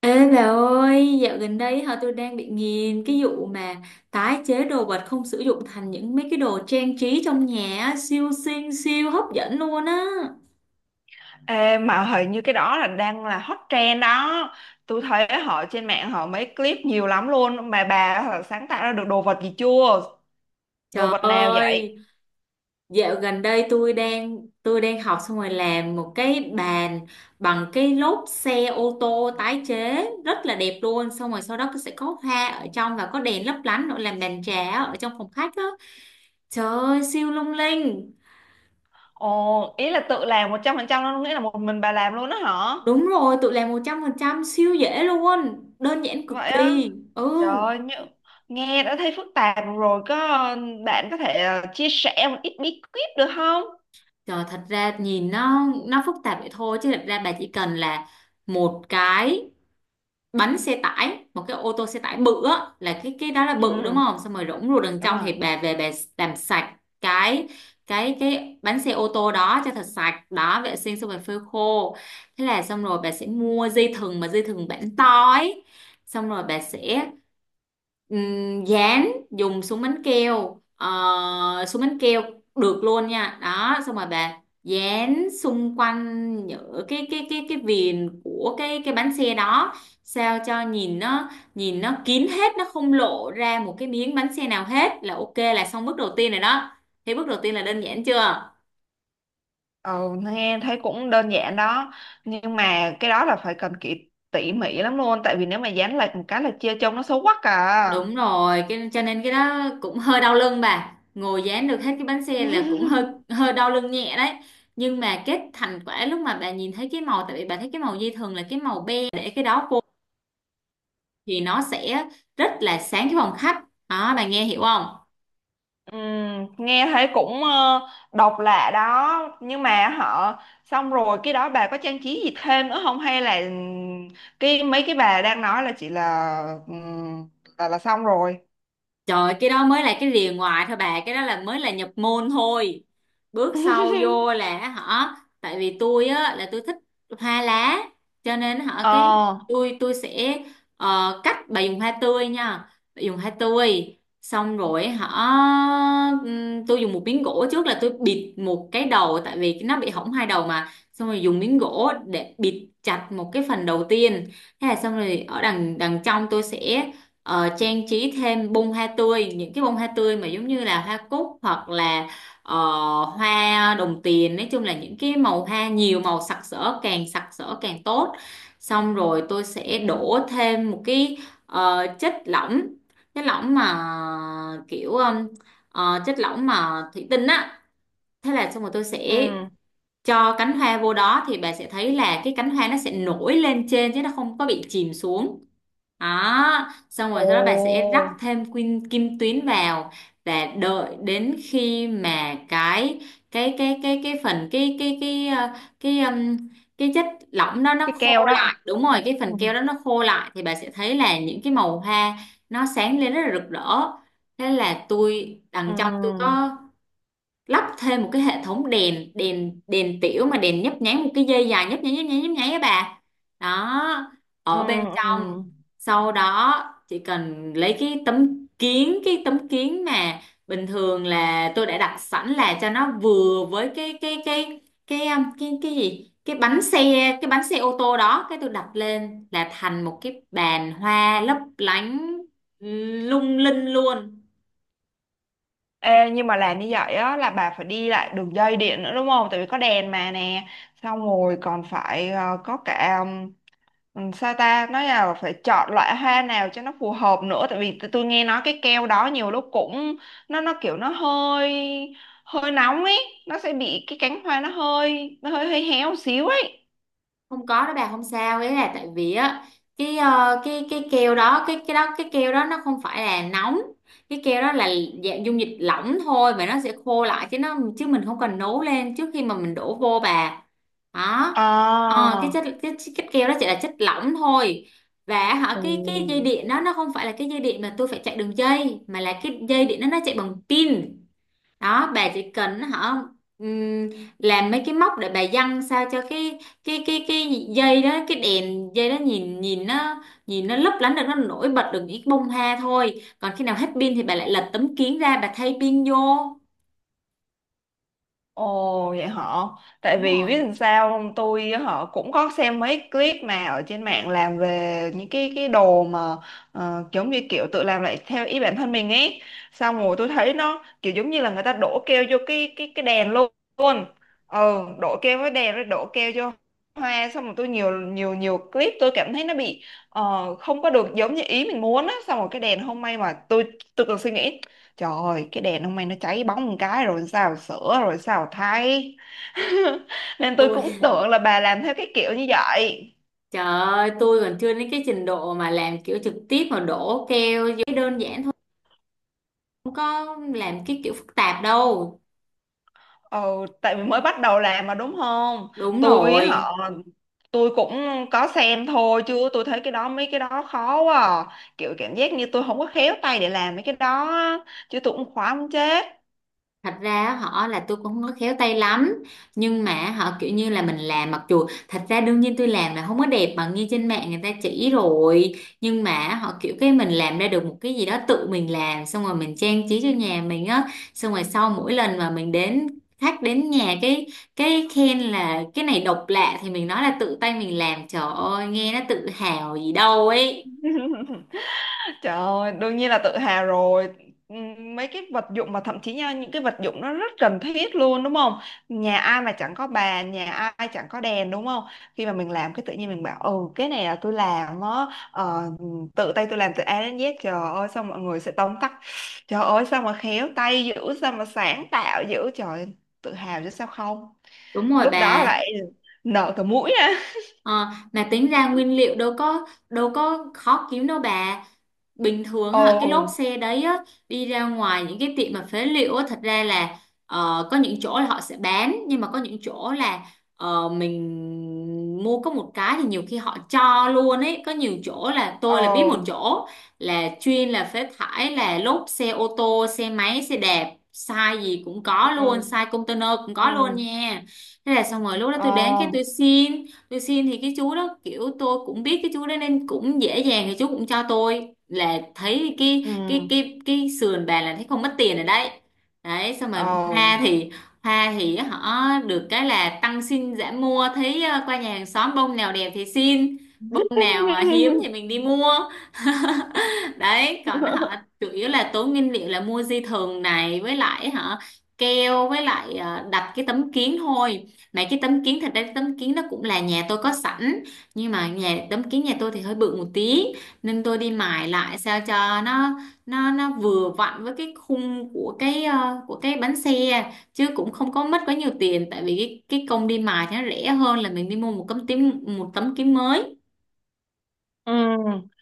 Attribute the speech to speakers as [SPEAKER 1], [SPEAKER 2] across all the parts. [SPEAKER 1] Ê bà ơi, dạo gần đây tôi đang bị nghiền cái vụ mà tái chế đồ vật không sử dụng thành những mấy cái đồ trang trí trong nhà á, siêu xinh siêu hấp dẫn luôn á.
[SPEAKER 2] Ê, mà hình như cái đó là đang là hot trend đó. Tôi thấy họ trên mạng họ mấy clip nhiều lắm luôn. Mà bà họ sáng tạo ra được đồ vật gì chưa? Đồ
[SPEAKER 1] Trời
[SPEAKER 2] vật nào vậy?
[SPEAKER 1] ơi, dạo gần đây tôi đang học xong rồi làm một cái bàn bằng cái lốp xe ô tô tái chế rất là đẹp luôn, xong rồi sau đó sẽ có hoa ở trong và có đèn lấp lánh nữa, làm bàn trà ở trong phòng khách đó. Trời ơi, siêu lung linh.
[SPEAKER 2] Ồ, ý là tự làm 100% luôn, nghĩa là một mình bà làm luôn đó hả?
[SPEAKER 1] Đúng rồi, tự làm 100% siêu dễ luôn, đơn giản cực
[SPEAKER 2] Vậy á?
[SPEAKER 1] kỳ. Ừ.
[SPEAKER 2] Trời ơi, như, nghe đã thấy phức tạp rồi. Có bạn có thể chia sẻ một ít bí kíp được không?
[SPEAKER 1] Trời, thật ra nhìn nó phức tạp vậy thôi, chứ thật ra bà chỉ cần là một cái bánh xe tải, một cái ô tô xe tải bự á, là cái đó là
[SPEAKER 2] Ừ.
[SPEAKER 1] bự đúng không, xong rồi rỗng ruột đằng
[SPEAKER 2] Đúng
[SPEAKER 1] trong
[SPEAKER 2] rồi.
[SPEAKER 1] thì bà về bà làm sạch cái bánh xe ô tô đó cho thật sạch, đó, vệ sinh xong rồi phơi khô. Thế là xong rồi bà sẽ mua dây thừng, mà dây thừng bản to ấy, xong rồi bà sẽ dán, dùng súng bắn keo, súng bắn keo được luôn nha, đó, xong rồi bà dán xung quanh những cái viền của cái bánh xe đó, sao cho nhìn nó kín hết, nó không lộ ra một cái miếng bánh xe nào hết là ok, là xong bước đầu tiên rồi đó. Thế bước đầu tiên là đơn giản chưa?
[SPEAKER 2] Ừ, nghe thấy cũng đơn giản đó, nhưng mà cái đó là phải cần kỹ tỉ mỉ lắm luôn, tại vì nếu mà dán lệch một cái là chia trông nó xấu quắc à.
[SPEAKER 1] Cho nên cái đó cũng hơi đau lưng, bà ngồi dán được hết cái bánh xe là cũng hơi hơi đau lưng nhẹ đấy. Nhưng mà cái thành quả, lúc mà bà nhìn thấy cái màu, tại vì bà thấy cái màu dây thường là cái màu be, để cái đó vô thì nó sẽ rất là sáng cái phòng khách đó, bà nghe hiểu không?
[SPEAKER 2] Nghe thấy cũng độc lạ đó, nhưng mà họ xong rồi cái đó bà có trang trí gì thêm nữa không, hay là cái mấy cái bà đang nói là chỉ là, ừm, là xong rồi.
[SPEAKER 1] Trời ơi, cái đó mới là cái rìa ngoài thôi bà, cái đó là mới là nhập môn thôi. Bước sau vô là tại vì tôi á là tôi thích hoa lá, cho nên hả cái
[SPEAKER 2] Ờ.
[SPEAKER 1] tôi sẽ, ờ, cắt bà dùng hoa tươi nha. Bà dùng hoa tươi xong rồi, hả tôi dùng một miếng gỗ trước, là tôi bịt một cái đầu, tại vì nó bị hỏng hai đầu mà. Xong rồi dùng miếng gỗ để bịt chặt một cái phần đầu tiên. Thế là xong rồi, ở đằng đằng trong tôi sẽ, trang trí thêm bông hoa tươi, những cái bông hoa tươi mà giống như là hoa cúc, hoặc là ờ, hoa đồng tiền, nói chung là những cái màu hoa nhiều màu sặc sỡ, càng sặc sỡ càng tốt. Xong rồi tôi sẽ đổ thêm một cái chất lỏng, chất lỏng mà kiểu um, chất lỏng mà thủy tinh á. Thế là xong rồi tôi
[SPEAKER 2] Ừ.
[SPEAKER 1] sẽ cho cánh hoa vô đó, thì bà sẽ thấy là cái cánh hoa nó sẽ nổi lên trên chứ nó không có bị chìm xuống, đó, xong rồi
[SPEAKER 2] Ồ,
[SPEAKER 1] sau đó bà sẽ rắc thêm kim tuyến vào, và đợi đến khi mà cái ờ, cái um, cái chất lỏng đó nó
[SPEAKER 2] cái
[SPEAKER 1] khô
[SPEAKER 2] keo đó.
[SPEAKER 1] lại, đúng rồi, cái
[SPEAKER 2] Ừ.
[SPEAKER 1] phần keo đó nó khô lại, thì bà sẽ thấy là những cái màu hoa nó sáng lên rất là rực rỡ. Thế là tôi, đằng trong tôi
[SPEAKER 2] Ừ.
[SPEAKER 1] có lắp thêm một cái hệ thống đèn đèn đèn tiểu mà, đèn nhấp nháy, một cái dây dài nhấp nháy nhấp nháy nhấp nháy á bà, đó,
[SPEAKER 2] ừ
[SPEAKER 1] ở bên
[SPEAKER 2] ừ.
[SPEAKER 1] trong. Sau đó chỉ cần lấy cái tấm kiến mà bình thường là tôi đã đặt sẵn, là cho nó vừa với cái um, cái cái gì cái bánh xe cái bánh xe ô tô đó, cái tôi đặt lên là thành một cái bàn hoa lấp lánh lung linh luôn.
[SPEAKER 2] Ê, nhưng mà làm như vậy á là bà phải đi lại đường dây điện nữa đúng không? Tại vì có đèn mà nè, xong rồi còn phải có cả, sao ta, nói là phải chọn loại hoa nào cho nó phù hợp nữa. Tại vì tôi nghe nói cái keo đó nhiều lúc cũng nó kiểu nó hơi, hơi nóng ấy. Nó sẽ bị cái cánh hoa nó hơi hơi héo xíu ấy.
[SPEAKER 1] Không có đó bà, không sao ấy, là tại vì á cái ờ, cái keo đó cái đó cái keo đó nó không phải là nóng, cái keo đó là dạng dung dịch lỏng thôi, mà nó sẽ khô lại, chứ mình không cần nấu lên trước khi mà mình đổ vô bà, đó.
[SPEAKER 2] À.
[SPEAKER 1] Ờ, cái keo đó chỉ là chất lỏng thôi, và hả
[SPEAKER 2] Ừ.
[SPEAKER 1] cái dây điện đó nó không phải là cái dây điện mà tôi phải chạy đường dây, mà là cái dây điện đó nó chạy bằng pin. Đó, bà chỉ cần hả ừm, làm mấy cái móc để bà giăng, sao cho cái đèn dây đó nhìn nhìn nó lấp lánh được, nó nổi bật được những bông hoa thôi, còn khi nào hết pin thì bà lại lật tấm kiến ra, bà thay pin vô.
[SPEAKER 2] Ồ vậy họ. Tại
[SPEAKER 1] Đúng
[SPEAKER 2] vì
[SPEAKER 1] rồi.
[SPEAKER 2] biết làm sao không, tôi họ cũng có xem mấy clip mà ở trên mạng, làm về những cái đồ mà giống như kiểu tự làm lại theo ý bản thân mình ấy. Xong rồi tôi thấy nó kiểu giống như là người ta đổ keo vô cái cái đèn luôn luôn. Ừ, đổ keo với đèn rồi đổ keo vô hoa. Xong rồi tôi nhiều nhiều nhiều clip tôi cảm thấy nó bị, không có được giống như ý mình muốn á. Xong rồi cái đèn hôm, may mà tôi, còn suy nghĩ trời ơi cái đèn hôm nay nó cháy bóng một cái rồi sao sửa rồi sao thay. Nên tôi
[SPEAKER 1] tôi
[SPEAKER 2] cũng tưởng là bà làm theo cái kiểu như vậy.
[SPEAKER 1] Trời ơi, tôi còn chưa đến cái trình độ mà làm kiểu trực tiếp mà đổ keo vô. Đơn giản thôi, không có làm cái kiểu phức tạp đâu.
[SPEAKER 2] Ừ, tại vì mới bắt đầu làm mà đúng không?
[SPEAKER 1] Đúng
[SPEAKER 2] Tôi
[SPEAKER 1] rồi,
[SPEAKER 2] họ, tôi cũng có xem thôi chứ tôi thấy cái đó mấy cái đó khó quá à. Kiểu cảm giác như tôi không có khéo tay để làm mấy cái đó á. Chứ tôi cũng khóa muốn chết.
[SPEAKER 1] thật ra á, họ là tôi cũng không có khéo tay lắm, nhưng mà họ kiểu như là mình làm, mặc dù thật ra đương nhiên tôi làm là không có đẹp bằng như trên mạng người ta chỉ rồi, nhưng mà họ kiểu cái mình làm ra được một cái gì đó tự mình làm, xong rồi mình trang trí cho nhà mình á, xong rồi sau mỗi lần mà mình đến khách đến nhà cái khen là cái này độc lạ, thì mình nói là tự tay mình làm, trời ơi nghe nó tự hào gì đâu ấy.
[SPEAKER 2] Trời ơi, đương nhiên là tự hào rồi. Mấy cái vật dụng mà thậm chí nha, những cái vật dụng nó rất cần thiết luôn đúng không? Nhà ai mà chẳng có bàn, nhà ai chẳng có đèn đúng không? Khi mà mình làm cái tự nhiên mình bảo ừ cái này là tôi làm á, ờ, tự tay tôi làm từ A đến Z. Trời ơi sao mọi người sẽ tóm tắt. Trời ơi sao mà khéo tay dữ, sao mà sáng tạo dữ. Trời ơi, tự hào chứ sao không?
[SPEAKER 1] Đúng rồi
[SPEAKER 2] Lúc đó
[SPEAKER 1] bà.
[SPEAKER 2] lại nở cả mũi á.
[SPEAKER 1] Ờ, mà tính ra nguyên liệu đâu có, đâu có khó kiếm đâu bà, bình thường á, cái lốp
[SPEAKER 2] Ồ.
[SPEAKER 1] xe đấy á, đi ra ngoài những cái tiệm mà phế liệu á, thật ra là có những chỗ là họ sẽ bán, nhưng mà có những chỗ là mình mua có một cái thì nhiều khi họ cho luôn ấy, có nhiều chỗ là tôi là biết một
[SPEAKER 2] Ồ.
[SPEAKER 1] chỗ là chuyên là phế thải, là lốp xe ô tô, xe máy, xe đạp, size gì cũng có luôn,
[SPEAKER 2] Ừ.
[SPEAKER 1] size container cũng có luôn
[SPEAKER 2] Ừ.
[SPEAKER 1] nha. Thế là xong rồi lúc đó
[SPEAKER 2] Ờ.
[SPEAKER 1] tôi đến cái tôi xin thì cái chú đó kiểu tôi cũng biết cái chú đó nên cũng dễ dàng, thì chú cũng cho tôi, là thấy cái
[SPEAKER 2] Ừ.
[SPEAKER 1] cái cái cái sườn bà, là thấy không mất tiền rồi đấy. Đấy, xong rồi
[SPEAKER 2] Ồ.
[SPEAKER 1] hoa thì hoa thì họ được cái là tăng xin giảm mua, thấy qua nhà hàng xóm bông nào đẹp thì xin, bông nào mà hiếm thì mình đi mua. Đấy, còn họ
[SPEAKER 2] Oh.
[SPEAKER 1] chủ yếu là tốn nguyên liệu là mua dây thừng này, với lại keo, với lại đặt cái tấm kiến thôi. Mấy cái tấm kiến, thật ra cái tấm kiến nó cũng là nhà tôi có sẵn, nhưng mà nhà tấm kiến nhà tôi thì hơi bự một tí, nên tôi đi mài lại sao cho nó, nó vừa vặn với cái khung của của cái bánh xe, chứ cũng không có mất quá nhiều tiền, tại vì cái công đi mài thì nó rẻ hơn là mình đi mua một tấm kiến mới.
[SPEAKER 2] Ừ.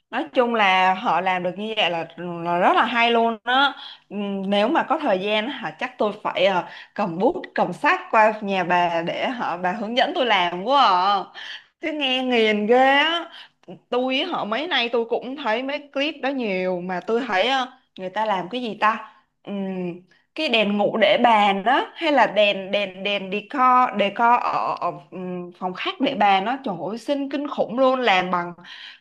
[SPEAKER 2] Nói chung là họ làm được như vậy là rất là hay luôn đó. Ừ, nếu mà có thời gian hả chắc tôi phải, cầm bút cầm sách qua nhà bà để họ bà hướng dẫn tôi làm quá à. Chứ nghe nghiền ghê á. Tôi á, họ mấy nay tôi cũng thấy mấy clip đó nhiều mà tôi thấy người ta làm cái gì ta. Ừm, cái đèn ngủ để bàn đó hay là đèn đèn đèn decor, decor ở, ở phòng khách để bàn đó trời ơi xinh kinh khủng luôn, làm bằng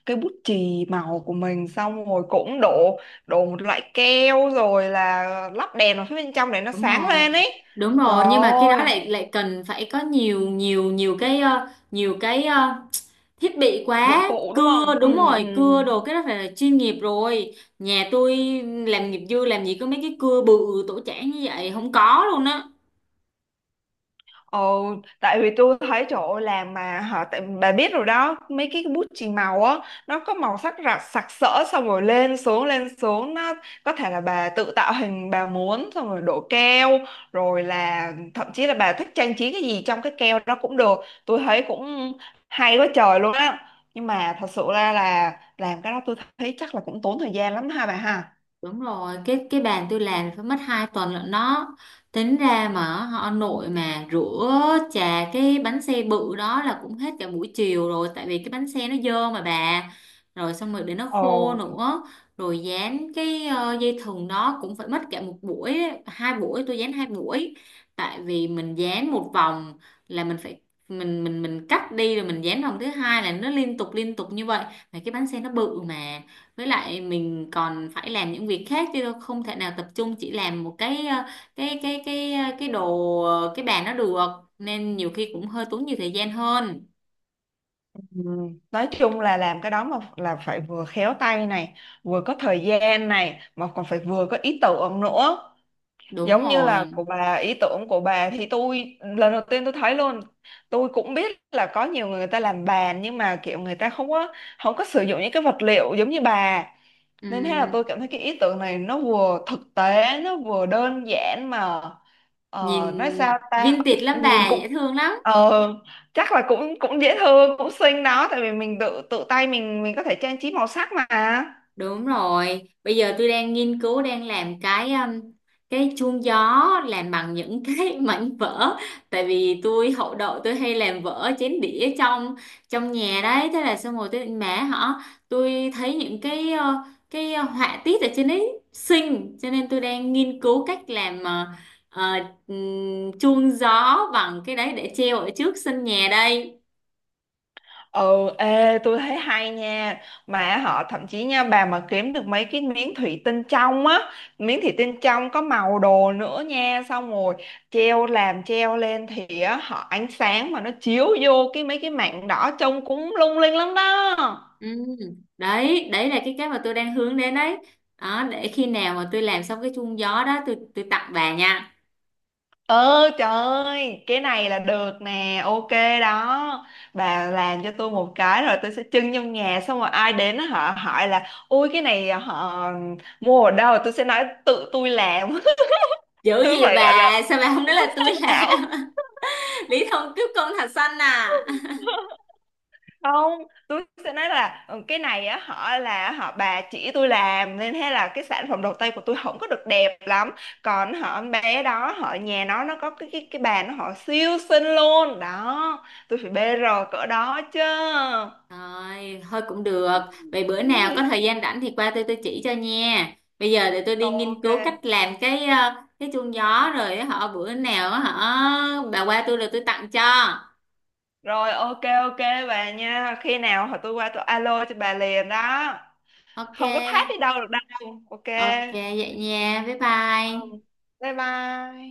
[SPEAKER 2] cái bút chì màu của mình xong rồi cũng đổ, đổ một loại keo rồi là lắp đèn vào phía bên trong để nó
[SPEAKER 1] Đúng
[SPEAKER 2] sáng
[SPEAKER 1] rồi,
[SPEAKER 2] lên ấy.
[SPEAKER 1] đúng
[SPEAKER 2] Trời
[SPEAKER 1] rồi, nhưng mà cái đó
[SPEAKER 2] ơi
[SPEAKER 1] lại lại cần phải có nhiều nhiều nhiều cái ờ, thiết bị
[SPEAKER 2] dụng
[SPEAKER 1] quá,
[SPEAKER 2] cụ đúng không.
[SPEAKER 1] cưa, đúng
[SPEAKER 2] Ừ, ừ.
[SPEAKER 1] rồi, cưa đồ, cái đó phải là chuyên nghiệp rồi, nhà tôi làm nghiệp dư làm gì có mấy cái cưa bự tổ chảng như vậy, không có luôn á.
[SPEAKER 2] Ồ, tại vì tôi thấy trời ơi làm mà hả tại bà biết rồi đó mấy cái bút chì màu á nó có màu sắc rạc sặc sỡ, xong rồi lên xuống nó có thể là bà tự tạo hình bà muốn, xong rồi đổ keo rồi là thậm chí là bà thích trang trí cái gì trong cái keo đó cũng được. Tôi thấy cũng hay quá trời luôn á, nhưng mà thật sự ra là làm cái đó tôi thấy chắc là cũng tốn thời gian lắm ha bà ha.
[SPEAKER 1] Đúng rồi, cái bàn tôi làm phải mất 2 tuần lận đó. Tính ra mà họ, nội mà rửa chà cái bánh xe bự đó là cũng hết cả buổi chiều rồi, tại vì cái bánh xe nó dơ mà bà. Rồi xong rồi để nó khô
[SPEAKER 2] Ồ.
[SPEAKER 1] nữa, rồi dán cái dây thừng đó cũng phải mất cả một buổi, đấy, hai buổi, tôi dán hai buổi. Tại vì mình dán một vòng là mình phải, mình cắt đi rồi mình dán vòng thứ hai, là nó liên tục như vậy, mà cái bánh xe nó bự mà, với lại mình còn phải làm những việc khác chứ đâu, không thể nào tập trung chỉ làm một cái bàn nó được, nên nhiều khi cũng hơi tốn nhiều thời gian hơn.
[SPEAKER 2] Ừ. Nói chung là làm cái đó mà là phải vừa khéo tay này, vừa có thời gian này, mà còn phải vừa có ý tưởng nữa.
[SPEAKER 1] Đúng
[SPEAKER 2] Giống như là
[SPEAKER 1] rồi.
[SPEAKER 2] của bà, ý tưởng của bà thì tôi lần đầu tiên tôi thấy luôn. Tôi cũng biết là có nhiều người người ta làm bàn, nhưng mà kiểu người ta không có, sử dụng những cái vật liệu giống như bà. Nên thế là
[SPEAKER 1] Ừm,
[SPEAKER 2] tôi cảm thấy cái ý tưởng này nó vừa thực tế nó vừa đơn giản mà,
[SPEAKER 1] Nhìn
[SPEAKER 2] nói sao ta.
[SPEAKER 1] vintage lắm
[SPEAKER 2] Nhìn
[SPEAKER 1] bà, dễ
[SPEAKER 2] cũng,
[SPEAKER 1] thương lắm.
[SPEAKER 2] ờ, chắc là cũng, dễ thương cũng xinh đó, tại vì mình tự, tay mình có thể trang trí màu sắc mà.
[SPEAKER 1] Đúng rồi, bây giờ tôi đang nghiên cứu đang làm cái chuông gió làm bằng những cái mảnh vỡ, tại vì tôi hậu đậu, tôi hay làm vỡ chén đĩa trong trong nhà đấy, thế là xong rồi tôi định mẹ họ tôi thấy những cái cái họa tiết ở trên đấy xinh, cho nên tôi đang nghiên cứu cách làm ờ, chuông gió bằng cái đấy để treo ở trước sân nhà đây.
[SPEAKER 2] Ừ, ê, tôi thấy hay nha. Mà họ thậm chí nha, bà mà kiếm được mấy cái miếng thủy tinh trong á, miếng thủy tinh trong có màu đồ nữa nha. Xong rồi treo làm treo lên thì á, họ ánh sáng mà nó chiếu vô cái mấy cái mảng đỏ trông cũng lung linh lắm đó.
[SPEAKER 1] Ừ. Đấy, đấy là cái mà tôi đang hướng đến đấy. Đó, để khi nào mà tôi làm xong cái chuông gió đó, tôi tặng bà nha.
[SPEAKER 2] Ờ trời ơi, cái này là được nè. Ok đó. Bà làm cho tôi một cái rồi tôi sẽ trưng trong nhà. Xong rồi ai đến á, họ hỏi là ui cái này họ mua ở đâu, tôi sẽ nói tự tôi làm.
[SPEAKER 1] Dữ
[SPEAKER 2] Tôi
[SPEAKER 1] gì
[SPEAKER 2] phải gọi
[SPEAKER 1] bà,
[SPEAKER 2] là
[SPEAKER 1] sao bà không nói
[SPEAKER 2] tham
[SPEAKER 1] là tôi
[SPEAKER 2] sống ảo.
[SPEAKER 1] làm? Lý thông cướp công thạch xanh à.
[SPEAKER 2] Không, tôi sẽ nói là "Ừ, cái này á họ là họ bà chỉ tôi làm nên thế là cái sản phẩm đầu tay của tôi không có được đẹp lắm, còn họ bé đó họ nhà nó có cái cái bàn nó họ siêu xinh luôn đó, tôi phải bê rồi cỡ đó chứ.
[SPEAKER 1] Rồi, thôi cũng được. Vậy bữa nào có thời gian rảnh thì qua tôi chỉ cho nha. Bây giờ để tôi đi nghiên
[SPEAKER 2] Ok
[SPEAKER 1] cứu cách làm cái cái chuông gió rồi, họ bữa nào họ bà qua tôi rồi tôi tặng cho.
[SPEAKER 2] rồi, ok ok bà nha, khi nào họ tôi qua tôi alo cho bà liền đó.
[SPEAKER 1] Ok.
[SPEAKER 2] Không có thách đi đâu được đâu. Ok.
[SPEAKER 1] Ok vậy nha. Bye
[SPEAKER 2] Ờ,
[SPEAKER 1] bye.
[SPEAKER 2] bye bye.